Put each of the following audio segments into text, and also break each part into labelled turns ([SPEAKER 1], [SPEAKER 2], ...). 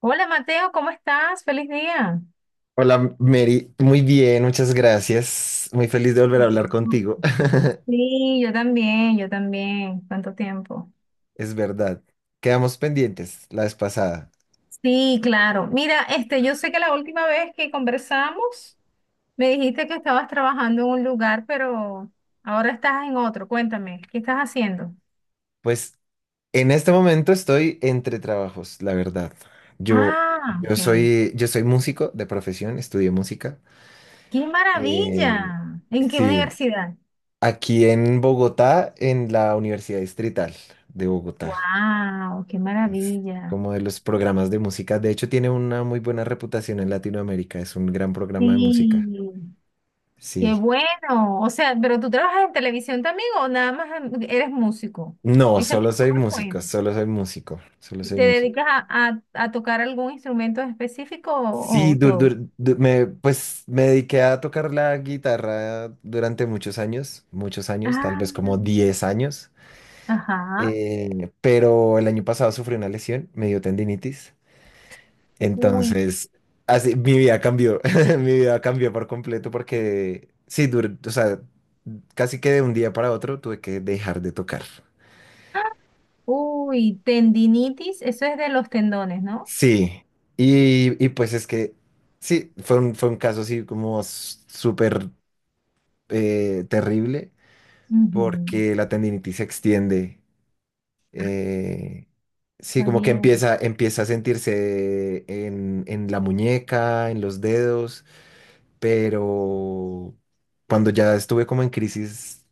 [SPEAKER 1] Hola Mateo, ¿cómo estás? Feliz día.
[SPEAKER 2] Hola Mary, muy bien, muchas gracias. Muy feliz de volver a hablar contigo.
[SPEAKER 1] Sí, yo también, yo también. ¿Cuánto tiempo?
[SPEAKER 2] Es verdad, quedamos pendientes la vez pasada.
[SPEAKER 1] Sí, claro. Mira, yo sé que la última vez que conversamos me dijiste que estabas trabajando en un lugar, pero ahora estás en otro. Cuéntame, ¿qué estás haciendo?
[SPEAKER 2] Pues en este momento estoy entre trabajos, la verdad. Yo,
[SPEAKER 1] Ah,
[SPEAKER 2] yo
[SPEAKER 1] ok.
[SPEAKER 2] soy, yo soy músico de profesión, estudié música.
[SPEAKER 1] ¡Qué
[SPEAKER 2] Eh,
[SPEAKER 1] maravilla! ¿En qué
[SPEAKER 2] sí,
[SPEAKER 1] universidad?
[SPEAKER 2] aquí en Bogotá, en la Universidad Distrital de Bogotá.
[SPEAKER 1] ¡Wow! ¡Qué
[SPEAKER 2] Es
[SPEAKER 1] maravilla!
[SPEAKER 2] como de los programas de música. De hecho, tiene una muy buena reputación en Latinoamérica. Es un gran programa de música.
[SPEAKER 1] Sí. Qué
[SPEAKER 2] Sí.
[SPEAKER 1] bueno. O sea, pero tú trabajas en televisión también o nada más eres músico.
[SPEAKER 2] No,
[SPEAKER 1] Ahí se me
[SPEAKER 2] solo
[SPEAKER 1] acabó
[SPEAKER 2] soy
[SPEAKER 1] el
[SPEAKER 2] músico,
[SPEAKER 1] cuento.
[SPEAKER 2] solo soy músico, solo soy
[SPEAKER 1] ¿Te
[SPEAKER 2] músico.
[SPEAKER 1] dedicas a tocar algún instrumento en específico
[SPEAKER 2] Sí,
[SPEAKER 1] o todo?
[SPEAKER 2] pues me dediqué a tocar la guitarra durante muchos años, tal vez como
[SPEAKER 1] Ah,
[SPEAKER 2] 10 años.
[SPEAKER 1] ajá.
[SPEAKER 2] Pero el año pasado sufrí una lesión, me dio tendinitis,
[SPEAKER 1] Uy,
[SPEAKER 2] entonces así, mi vida cambió, mi vida cambió por completo porque sí, o sea, casi que de un día para otro tuve que dejar de tocar.
[SPEAKER 1] ah, uy, tendinitis, eso es de los tendones, ¿no?
[SPEAKER 2] Sí, y pues es que sí, fue un caso así como súper terrible
[SPEAKER 1] Ujú.
[SPEAKER 2] porque la tendinitis se extiende. eh, sí, como que
[SPEAKER 1] Sabía eso.
[SPEAKER 2] empieza a sentirse en la muñeca, en los dedos, pero cuando ya estuve como en crisis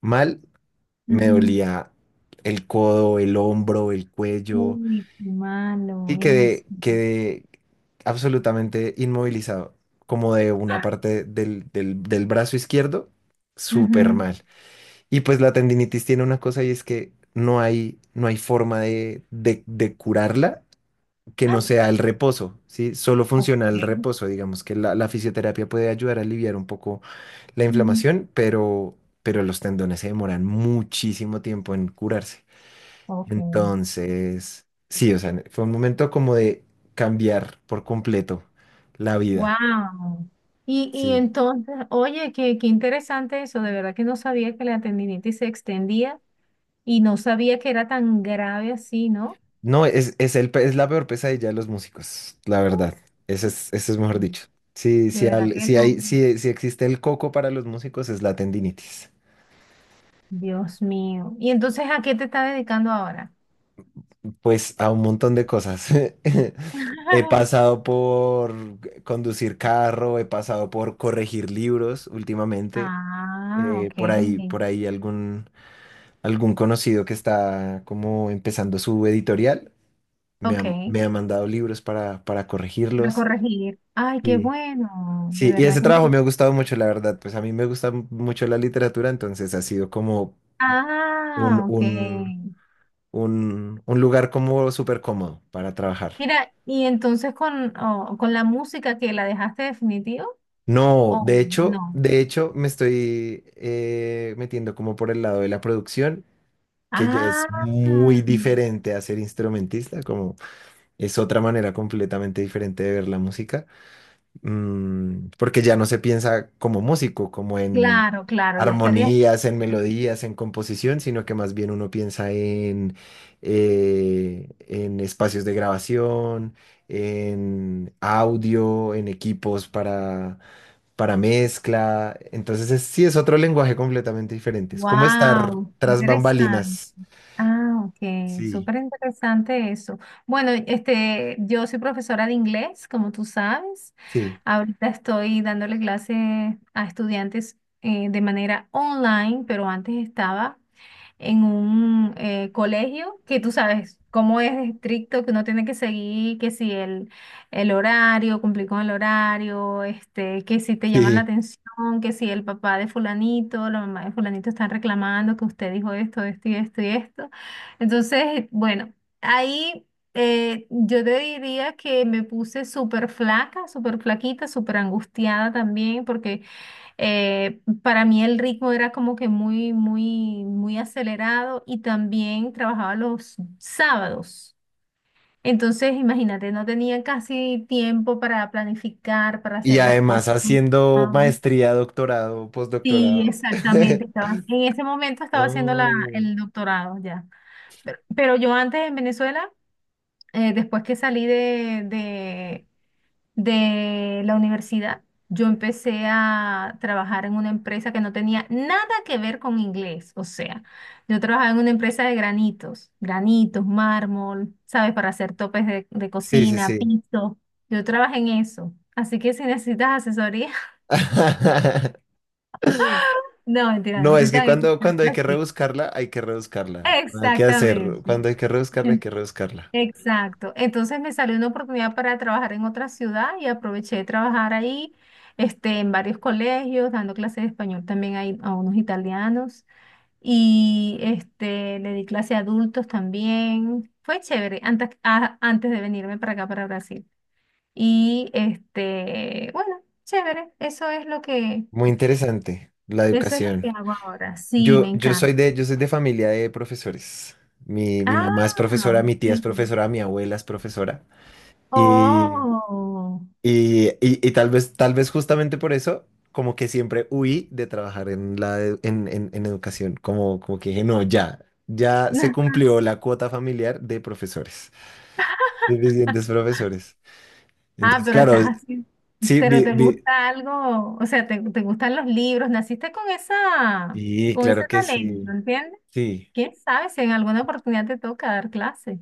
[SPEAKER 2] mal, me
[SPEAKER 1] Ujú.
[SPEAKER 2] dolía el codo, el hombro, el cuello.
[SPEAKER 1] Uy, qué
[SPEAKER 2] Y
[SPEAKER 1] malo eso.
[SPEAKER 2] quedé absolutamente inmovilizado, como de una
[SPEAKER 1] Ah,
[SPEAKER 2] parte del brazo izquierdo, súper
[SPEAKER 1] ujú.
[SPEAKER 2] mal. Y pues la tendinitis tiene una cosa y es que no hay forma de curarla que
[SPEAKER 1] Ah,
[SPEAKER 2] no sea el reposo, ¿sí? Solo
[SPEAKER 1] ok.
[SPEAKER 2] funciona el reposo, digamos que la fisioterapia puede ayudar a aliviar un poco la
[SPEAKER 1] Ujú.
[SPEAKER 2] inflamación, pero los tendones se demoran muchísimo tiempo en curarse.
[SPEAKER 1] Ok.
[SPEAKER 2] Entonces, sí, o sea, fue un momento como de cambiar por completo la vida.
[SPEAKER 1] Wow. Y
[SPEAKER 2] Sí.
[SPEAKER 1] entonces, oye, qué interesante eso. De verdad que no sabía que la tendinitis se extendía y no sabía que era tan grave así, ¿no?
[SPEAKER 2] No, es la peor pesadilla de los músicos, la verdad. Ese es mejor
[SPEAKER 1] Mm.
[SPEAKER 2] dicho. Sí,
[SPEAKER 1] De
[SPEAKER 2] sí,
[SPEAKER 1] verdad que no.
[SPEAKER 2] sí existe el coco para los músicos, es la tendinitis.
[SPEAKER 1] Dios mío. ¿Y entonces a qué te estás dedicando ahora?
[SPEAKER 2] Pues a un montón de cosas. He pasado por conducir carro, he pasado por corregir libros últimamente.
[SPEAKER 1] Ah, ok.
[SPEAKER 2] Por ahí, algún conocido que está como empezando su editorial,
[SPEAKER 1] Ok.
[SPEAKER 2] me ha mandado libros para
[SPEAKER 1] A
[SPEAKER 2] corregirlos.
[SPEAKER 1] corregir. Ay, qué
[SPEAKER 2] Sí
[SPEAKER 1] bueno. De
[SPEAKER 2] sí, y
[SPEAKER 1] verdad
[SPEAKER 2] ese
[SPEAKER 1] que no.
[SPEAKER 2] trabajo me ha gustado mucho, la verdad. Pues a mí me gusta mucho la literatura, entonces ha sido como un,
[SPEAKER 1] Ah, ok.
[SPEAKER 2] un, un lugar como súper cómodo para trabajar.
[SPEAKER 1] Mira, y entonces con, oh, con la música que la dejaste definitiva.
[SPEAKER 2] No,
[SPEAKER 1] O no.
[SPEAKER 2] de hecho me estoy metiendo como por el lado de la producción, que ya es
[SPEAKER 1] Ah,
[SPEAKER 2] muy diferente a ser instrumentista, como es otra manera completamente diferente de ver la música. Mm, porque ya no se piensa como músico, como en
[SPEAKER 1] claro, claro, ya estaría.
[SPEAKER 2] armonías, en melodías, en composición, sino que más bien uno piensa en espacios de grabación, en audio, en equipos para mezcla. Entonces sí es otro lenguaje completamente diferente. Es como estar
[SPEAKER 1] Wow,
[SPEAKER 2] tras
[SPEAKER 1] interesante.
[SPEAKER 2] bambalinas.
[SPEAKER 1] Ah, ok,
[SPEAKER 2] Sí,
[SPEAKER 1] súper interesante eso. Bueno, yo soy profesora de inglés, como tú sabes.
[SPEAKER 2] sí,
[SPEAKER 1] Ahorita estoy dándole clases a estudiantes de manera online, pero antes estaba en un colegio, que tú sabes cómo es estricto, que uno tiene que seguir, que si el horario, cumplir con el horario, que si te llaman la
[SPEAKER 2] sí.
[SPEAKER 1] atención, que si el papá de fulanito, la mamá de fulanito están reclamando que usted dijo esto, esto y esto y esto. Entonces, bueno, ahí... yo te diría que me puse súper flaca, súper flaquita, súper angustiada también, porque para mí el ritmo era como que muy, muy, muy acelerado y también trabajaba los sábados. Entonces, imagínate, no tenía casi tiempo para planificar, para
[SPEAKER 2] Y
[SPEAKER 1] hacer las
[SPEAKER 2] además
[SPEAKER 1] cosas.
[SPEAKER 2] haciendo
[SPEAKER 1] Ah,
[SPEAKER 2] maestría, doctorado,
[SPEAKER 1] sí,
[SPEAKER 2] postdoctorado.
[SPEAKER 1] exactamente. Estaba, en ese momento estaba haciendo
[SPEAKER 2] No.
[SPEAKER 1] el doctorado ya. Pero yo antes en Venezuela, después que salí de la universidad, yo empecé a trabajar en una empresa que no tenía nada que ver con inglés. O sea, yo trabajaba en una empresa de granitos, granitos, mármol, ¿sabes? Para hacer topes de
[SPEAKER 2] Sí, sí,
[SPEAKER 1] cocina,
[SPEAKER 2] sí.
[SPEAKER 1] piso. Yo trabajé en eso. Así que si necesitas asesoría, no, mentira,
[SPEAKER 2] No,
[SPEAKER 1] no
[SPEAKER 2] es
[SPEAKER 1] soy
[SPEAKER 2] que
[SPEAKER 1] tan
[SPEAKER 2] cuando
[SPEAKER 1] experta
[SPEAKER 2] hay que
[SPEAKER 1] así.
[SPEAKER 2] rebuscarla, hay que rebuscarla. No hay que hacer,
[SPEAKER 1] Exactamente.
[SPEAKER 2] cuando hay que rebuscarla, hay que rebuscarla.
[SPEAKER 1] Exacto. Entonces me salió una oportunidad para trabajar en otra ciudad y aproveché de trabajar ahí, en varios colegios, dando clases de español también ahí a unos italianos y le di clase a adultos también. Fue chévere antes, antes de venirme para acá, para Brasil. Y bueno, chévere.
[SPEAKER 2] Muy interesante la
[SPEAKER 1] Eso es lo que
[SPEAKER 2] educación.
[SPEAKER 1] hago ahora. Sí, me encanta.
[SPEAKER 2] Yo soy de familia de profesores. Mi
[SPEAKER 1] Ah,
[SPEAKER 2] mamá es profesora, mi tía es
[SPEAKER 1] ok.
[SPEAKER 2] profesora, mi abuela es profesora.
[SPEAKER 1] Oh.
[SPEAKER 2] Y, y- y tal vez justamente por eso, como que siempre huí de trabajar en la e- en educación, como, como que dije, no, ya, ya se cumplió la cuota familiar de profesores, suficientes profesores.
[SPEAKER 1] Ah,
[SPEAKER 2] Entonces,
[SPEAKER 1] pero
[SPEAKER 2] claro,
[SPEAKER 1] estás así.
[SPEAKER 2] sí,
[SPEAKER 1] Pero te gusta algo, o sea, te gustan los libros, naciste con
[SPEAKER 2] sí,
[SPEAKER 1] con ese
[SPEAKER 2] claro que
[SPEAKER 1] talento,
[SPEAKER 2] sí,
[SPEAKER 1] ¿entiendes?
[SPEAKER 2] sí.
[SPEAKER 1] ¿Quién sabe si en alguna oportunidad te toca dar clase?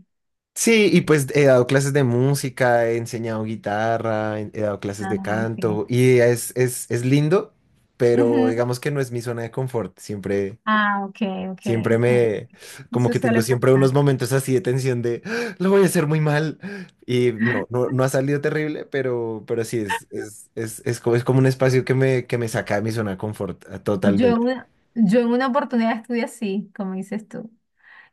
[SPEAKER 2] Sí, y pues he dado clases de música, he enseñado guitarra, he dado clases de
[SPEAKER 1] Ah, ok.
[SPEAKER 2] canto, y es lindo, pero
[SPEAKER 1] Ujú.
[SPEAKER 2] digamos que no es mi zona de confort, siempre.
[SPEAKER 1] Ah, ok, ok.
[SPEAKER 2] Siempre
[SPEAKER 1] Bueno,
[SPEAKER 2] me, como
[SPEAKER 1] eso
[SPEAKER 2] que tengo
[SPEAKER 1] suele
[SPEAKER 2] siempre
[SPEAKER 1] pasar.
[SPEAKER 2] unos momentos así de tensión de, "Ah, lo voy a hacer muy mal". Y no, no, no ha salido terrible, pero sí, es como un espacio que me saca de mi zona de confort
[SPEAKER 1] Yo en
[SPEAKER 2] totalmente,
[SPEAKER 1] una, yo en una oportunidad estudié así, como dices tú.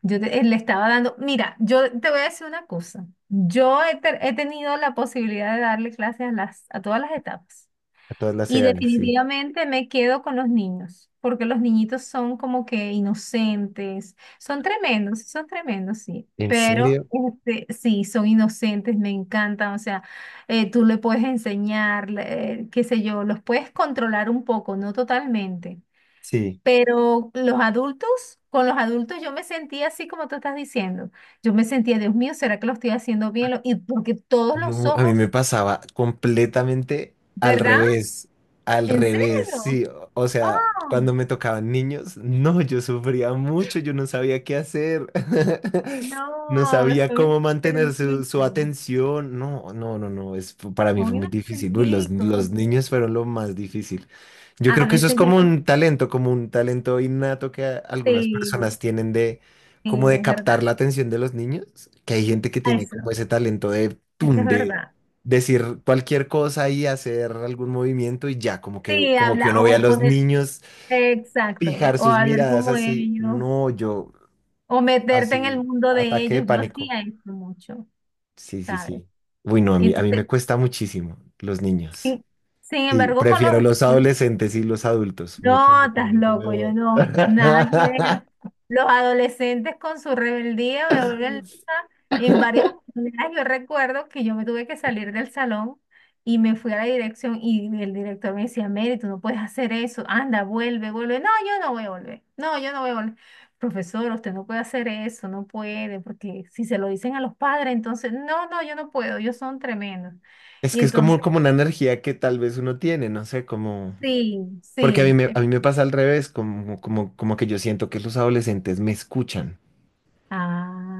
[SPEAKER 1] Le estaba dando, mira, yo te voy a decir una cosa. He tenido la posibilidad de darle clases a a todas las etapas.
[SPEAKER 2] a todas las
[SPEAKER 1] Y
[SPEAKER 2] edades, sí.
[SPEAKER 1] definitivamente me quedo con los niños, porque los niñitos son como que inocentes, son tremendos, sí,
[SPEAKER 2] ¿En
[SPEAKER 1] pero
[SPEAKER 2] serio?
[SPEAKER 1] sí, son inocentes, me encantan, o sea, tú le puedes enseñar, qué sé yo, los puedes controlar un poco, no totalmente,
[SPEAKER 2] Sí.
[SPEAKER 1] pero los adultos, con los adultos yo me sentía así como tú estás diciendo, yo me sentía, Dios mío, ¿será que lo estoy haciendo bien? Y porque todos los
[SPEAKER 2] No, a mí me
[SPEAKER 1] ojos,
[SPEAKER 2] pasaba completamente
[SPEAKER 1] ¿verdad?
[SPEAKER 2] al
[SPEAKER 1] ¿En serio?
[SPEAKER 2] revés, sí, o sea,
[SPEAKER 1] ¡Oh!
[SPEAKER 2] cuando me tocaban niños, no, yo sufría mucho, yo no sabía qué hacer, no
[SPEAKER 1] No,
[SPEAKER 2] sabía
[SPEAKER 1] soy un
[SPEAKER 2] cómo mantener su
[SPEAKER 1] auténtico,
[SPEAKER 2] atención, no, no, no, no, es, para mí fue
[SPEAKER 1] soy un
[SPEAKER 2] muy difícil. Uy,
[SPEAKER 1] auténtico. O
[SPEAKER 2] los
[SPEAKER 1] sea,
[SPEAKER 2] niños fueron lo más difícil. Yo
[SPEAKER 1] a
[SPEAKER 2] creo que eso es
[SPEAKER 1] veces yo me...
[SPEAKER 2] como un talento innato que algunas
[SPEAKER 1] Sí,
[SPEAKER 2] personas tienen de como
[SPEAKER 1] sí,
[SPEAKER 2] de
[SPEAKER 1] es verdad.
[SPEAKER 2] captar la atención de los niños, que hay gente que tiene
[SPEAKER 1] Eso,
[SPEAKER 2] como ese talento de,
[SPEAKER 1] eso es
[SPEAKER 2] tun, de
[SPEAKER 1] verdad.
[SPEAKER 2] decir cualquier cosa y hacer algún movimiento y ya,
[SPEAKER 1] Sí,
[SPEAKER 2] como que
[SPEAKER 1] habla
[SPEAKER 2] uno ve a
[SPEAKER 1] o
[SPEAKER 2] los
[SPEAKER 1] poner...
[SPEAKER 2] niños
[SPEAKER 1] Exacto,
[SPEAKER 2] fijar
[SPEAKER 1] o
[SPEAKER 2] sus
[SPEAKER 1] hablar
[SPEAKER 2] miradas
[SPEAKER 1] como
[SPEAKER 2] así,
[SPEAKER 1] ellos,
[SPEAKER 2] no, yo,
[SPEAKER 1] o meterte en el
[SPEAKER 2] así,
[SPEAKER 1] mundo de
[SPEAKER 2] ataque de
[SPEAKER 1] ellos. Yo
[SPEAKER 2] pánico.
[SPEAKER 1] hacía eso mucho,
[SPEAKER 2] Sí, sí,
[SPEAKER 1] ¿sabes?
[SPEAKER 2] sí. Uy, no, a mí
[SPEAKER 1] Entonces,
[SPEAKER 2] me cuesta muchísimo los niños.
[SPEAKER 1] sí, sin
[SPEAKER 2] Sí,
[SPEAKER 1] embargo, con
[SPEAKER 2] prefiero los
[SPEAKER 1] los...
[SPEAKER 2] adolescentes y los adultos, mucho,
[SPEAKER 1] No,
[SPEAKER 2] mucho,
[SPEAKER 1] estás
[SPEAKER 2] mucho
[SPEAKER 1] loco, yo
[SPEAKER 2] mejor.
[SPEAKER 1] no, nada que ver. Los adolescentes con su rebeldía me vuelven loca. En varias oportunidades yo recuerdo que yo me tuve que salir del salón y me fui a la dirección y el director me decía, Mary, tú no puedes hacer eso, anda, vuelve, vuelve. No, yo no voy a volver, no, yo no voy a volver. Profesor, usted no puede hacer eso, no puede, porque si se lo dicen a los padres, entonces, no, no, yo no puedo, ellos son tremendos.
[SPEAKER 2] Es
[SPEAKER 1] Y
[SPEAKER 2] que es como,
[SPEAKER 1] entonces,
[SPEAKER 2] como una energía que tal vez uno tiene, no sé, como...
[SPEAKER 1] sí,
[SPEAKER 2] Porque
[SPEAKER 1] sí.
[SPEAKER 2] a mí me pasa al revés, como, como, como que yo siento que los adolescentes me escuchan,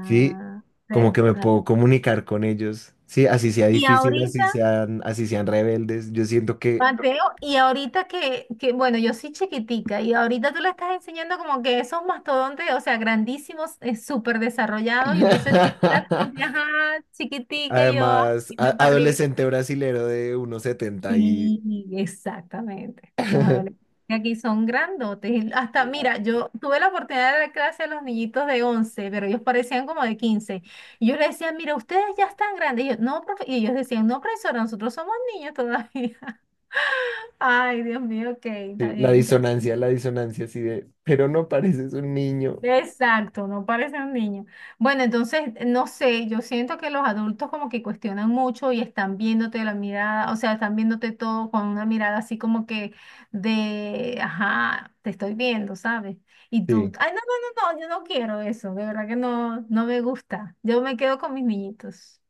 [SPEAKER 2] ¿sí? Como que me puedo comunicar con ellos, ¿sí? Así sea
[SPEAKER 1] y
[SPEAKER 2] difícil,
[SPEAKER 1] ahorita,
[SPEAKER 2] así sean rebeldes. Yo siento que,
[SPEAKER 1] Mateo, y ahorita que, bueno, yo soy chiquitica, y ahorita tú le estás enseñando como que esos mastodontes, o sea, grandísimos, súper desarrollados, y entonces estás como que, ajá, chiquitica, y yo, ah,
[SPEAKER 2] además,
[SPEAKER 1] viendo para arriba.
[SPEAKER 2] adolescente brasilero de 1,70 y...
[SPEAKER 1] Sí, exactamente. Los adolescentes aquí son grandotes. Y hasta, mira, yo tuve la oportunidad de dar clase a los niñitos de 11, pero ellos parecían como de 15. Y yo les decía, mira, ustedes ya están grandes. Y yo, no, profe-". Y ellos decían, no, profesora, nosotros somos niños todavía. Ay, Dios mío, ok, está
[SPEAKER 2] Sí,
[SPEAKER 1] bien, entonces.
[SPEAKER 2] la disonancia así de, pero no pareces un niño.
[SPEAKER 1] Exacto, no parece un niño. Bueno, entonces, no sé, yo siento que los adultos como que cuestionan mucho y están viéndote la mirada, o sea, están viéndote todo con una mirada así como que de, ajá, te estoy viendo, ¿sabes? Y tú,
[SPEAKER 2] Sí,
[SPEAKER 1] ay, no, no, no, no, yo no quiero eso, de verdad que no, no me gusta. Yo me quedo con mis niñitos.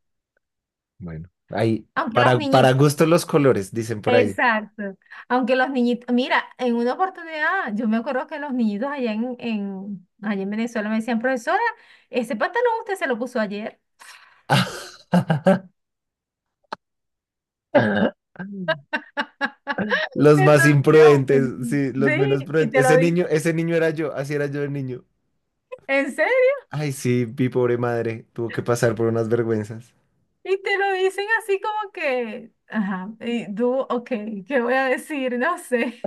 [SPEAKER 2] bueno, ahí,
[SPEAKER 1] Aunque los
[SPEAKER 2] para
[SPEAKER 1] niñitos...
[SPEAKER 2] gusto los colores, dicen por ahí.
[SPEAKER 1] Exacto. Aunque los niñitos, mira, en una oportunidad, yo me acuerdo que los niñitos allá allá en Venezuela me decían, profesora, ese pantalón usted se lo puso ayer.
[SPEAKER 2] Los más
[SPEAKER 1] Entonces, yo,
[SPEAKER 2] imprudentes, sí, los menos
[SPEAKER 1] sí, y
[SPEAKER 2] prudentes.
[SPEAKER 1] te lo dicen,
[SPEAKER 2] Ese niño era yo, así era yo de niño.
[SPEAKER 1] en serio,
[SPEAKER 2] Ay, sí, mi pobre madre, tuvo que pasar por unas vergüenzas.
[SPEAKER 1] y te lo dicen así como que, ajá, y tú, ok, ¿qué voy a decir? No sé,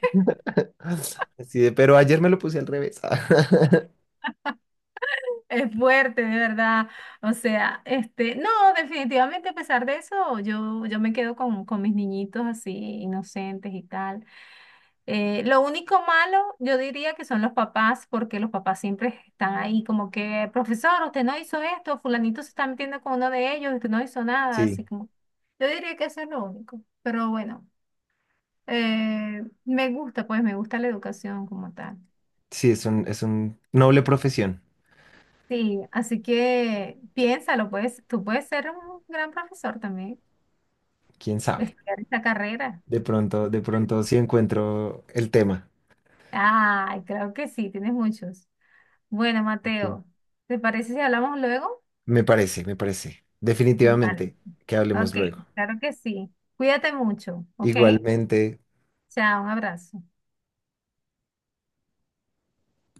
[SPEAKER 2] Así de, pero ayer me lo puse al revés.
[SPEAKER 1] es fuerte, de verdad. O sea, no, definitivamente a pesar de eso, yo me quedo con mis niñitos así, inocentes y tal. Lo único malo, yo diría que son los papás, porque los papás siempre están ahí como que, profesor, usted no hizo esto, fulanito se está metiendo con uno de ellos, usted no hizo nada, así
[SPEAKER 2] Sí,
[SPEAKER 1] como, yo diría que eso es lo único, pero bueno, me gusta, pues me gusta la educación como tal.
[SPEAKER 2] sí, es un noble profesión,
[SPEAKER 1] Sí, así que piénsalo, pues, tú puedes ser un gran profesor también,
[SPEAKER 2] quién sabe.
[SPEAKER 1] estudiar esta carrera.
[SPEAKER 2] De pronto sí encuentro el tema.
[SPEAKER 1] Ay, creo que sí, tienes muchos. Bueno,
[SPEAKER 2] Sí.
[SPEAKER 1] Mateo, ¿te parece si hablamos luego?
[SPEAKER 2] Me parece, me parece.
[SPEAKER 1] Vale.
[SPEAKER 2] Definitivamente, que hablemos
[SPEAKER 1] Ok,
[SPEAKER 2] luego.
[SPEAKER 1] claro que sí. Cuídate mucho, ¿ok?
[SPEAKER 2] Igualmente.
[SPEAKER 1] Chao, un abrazo.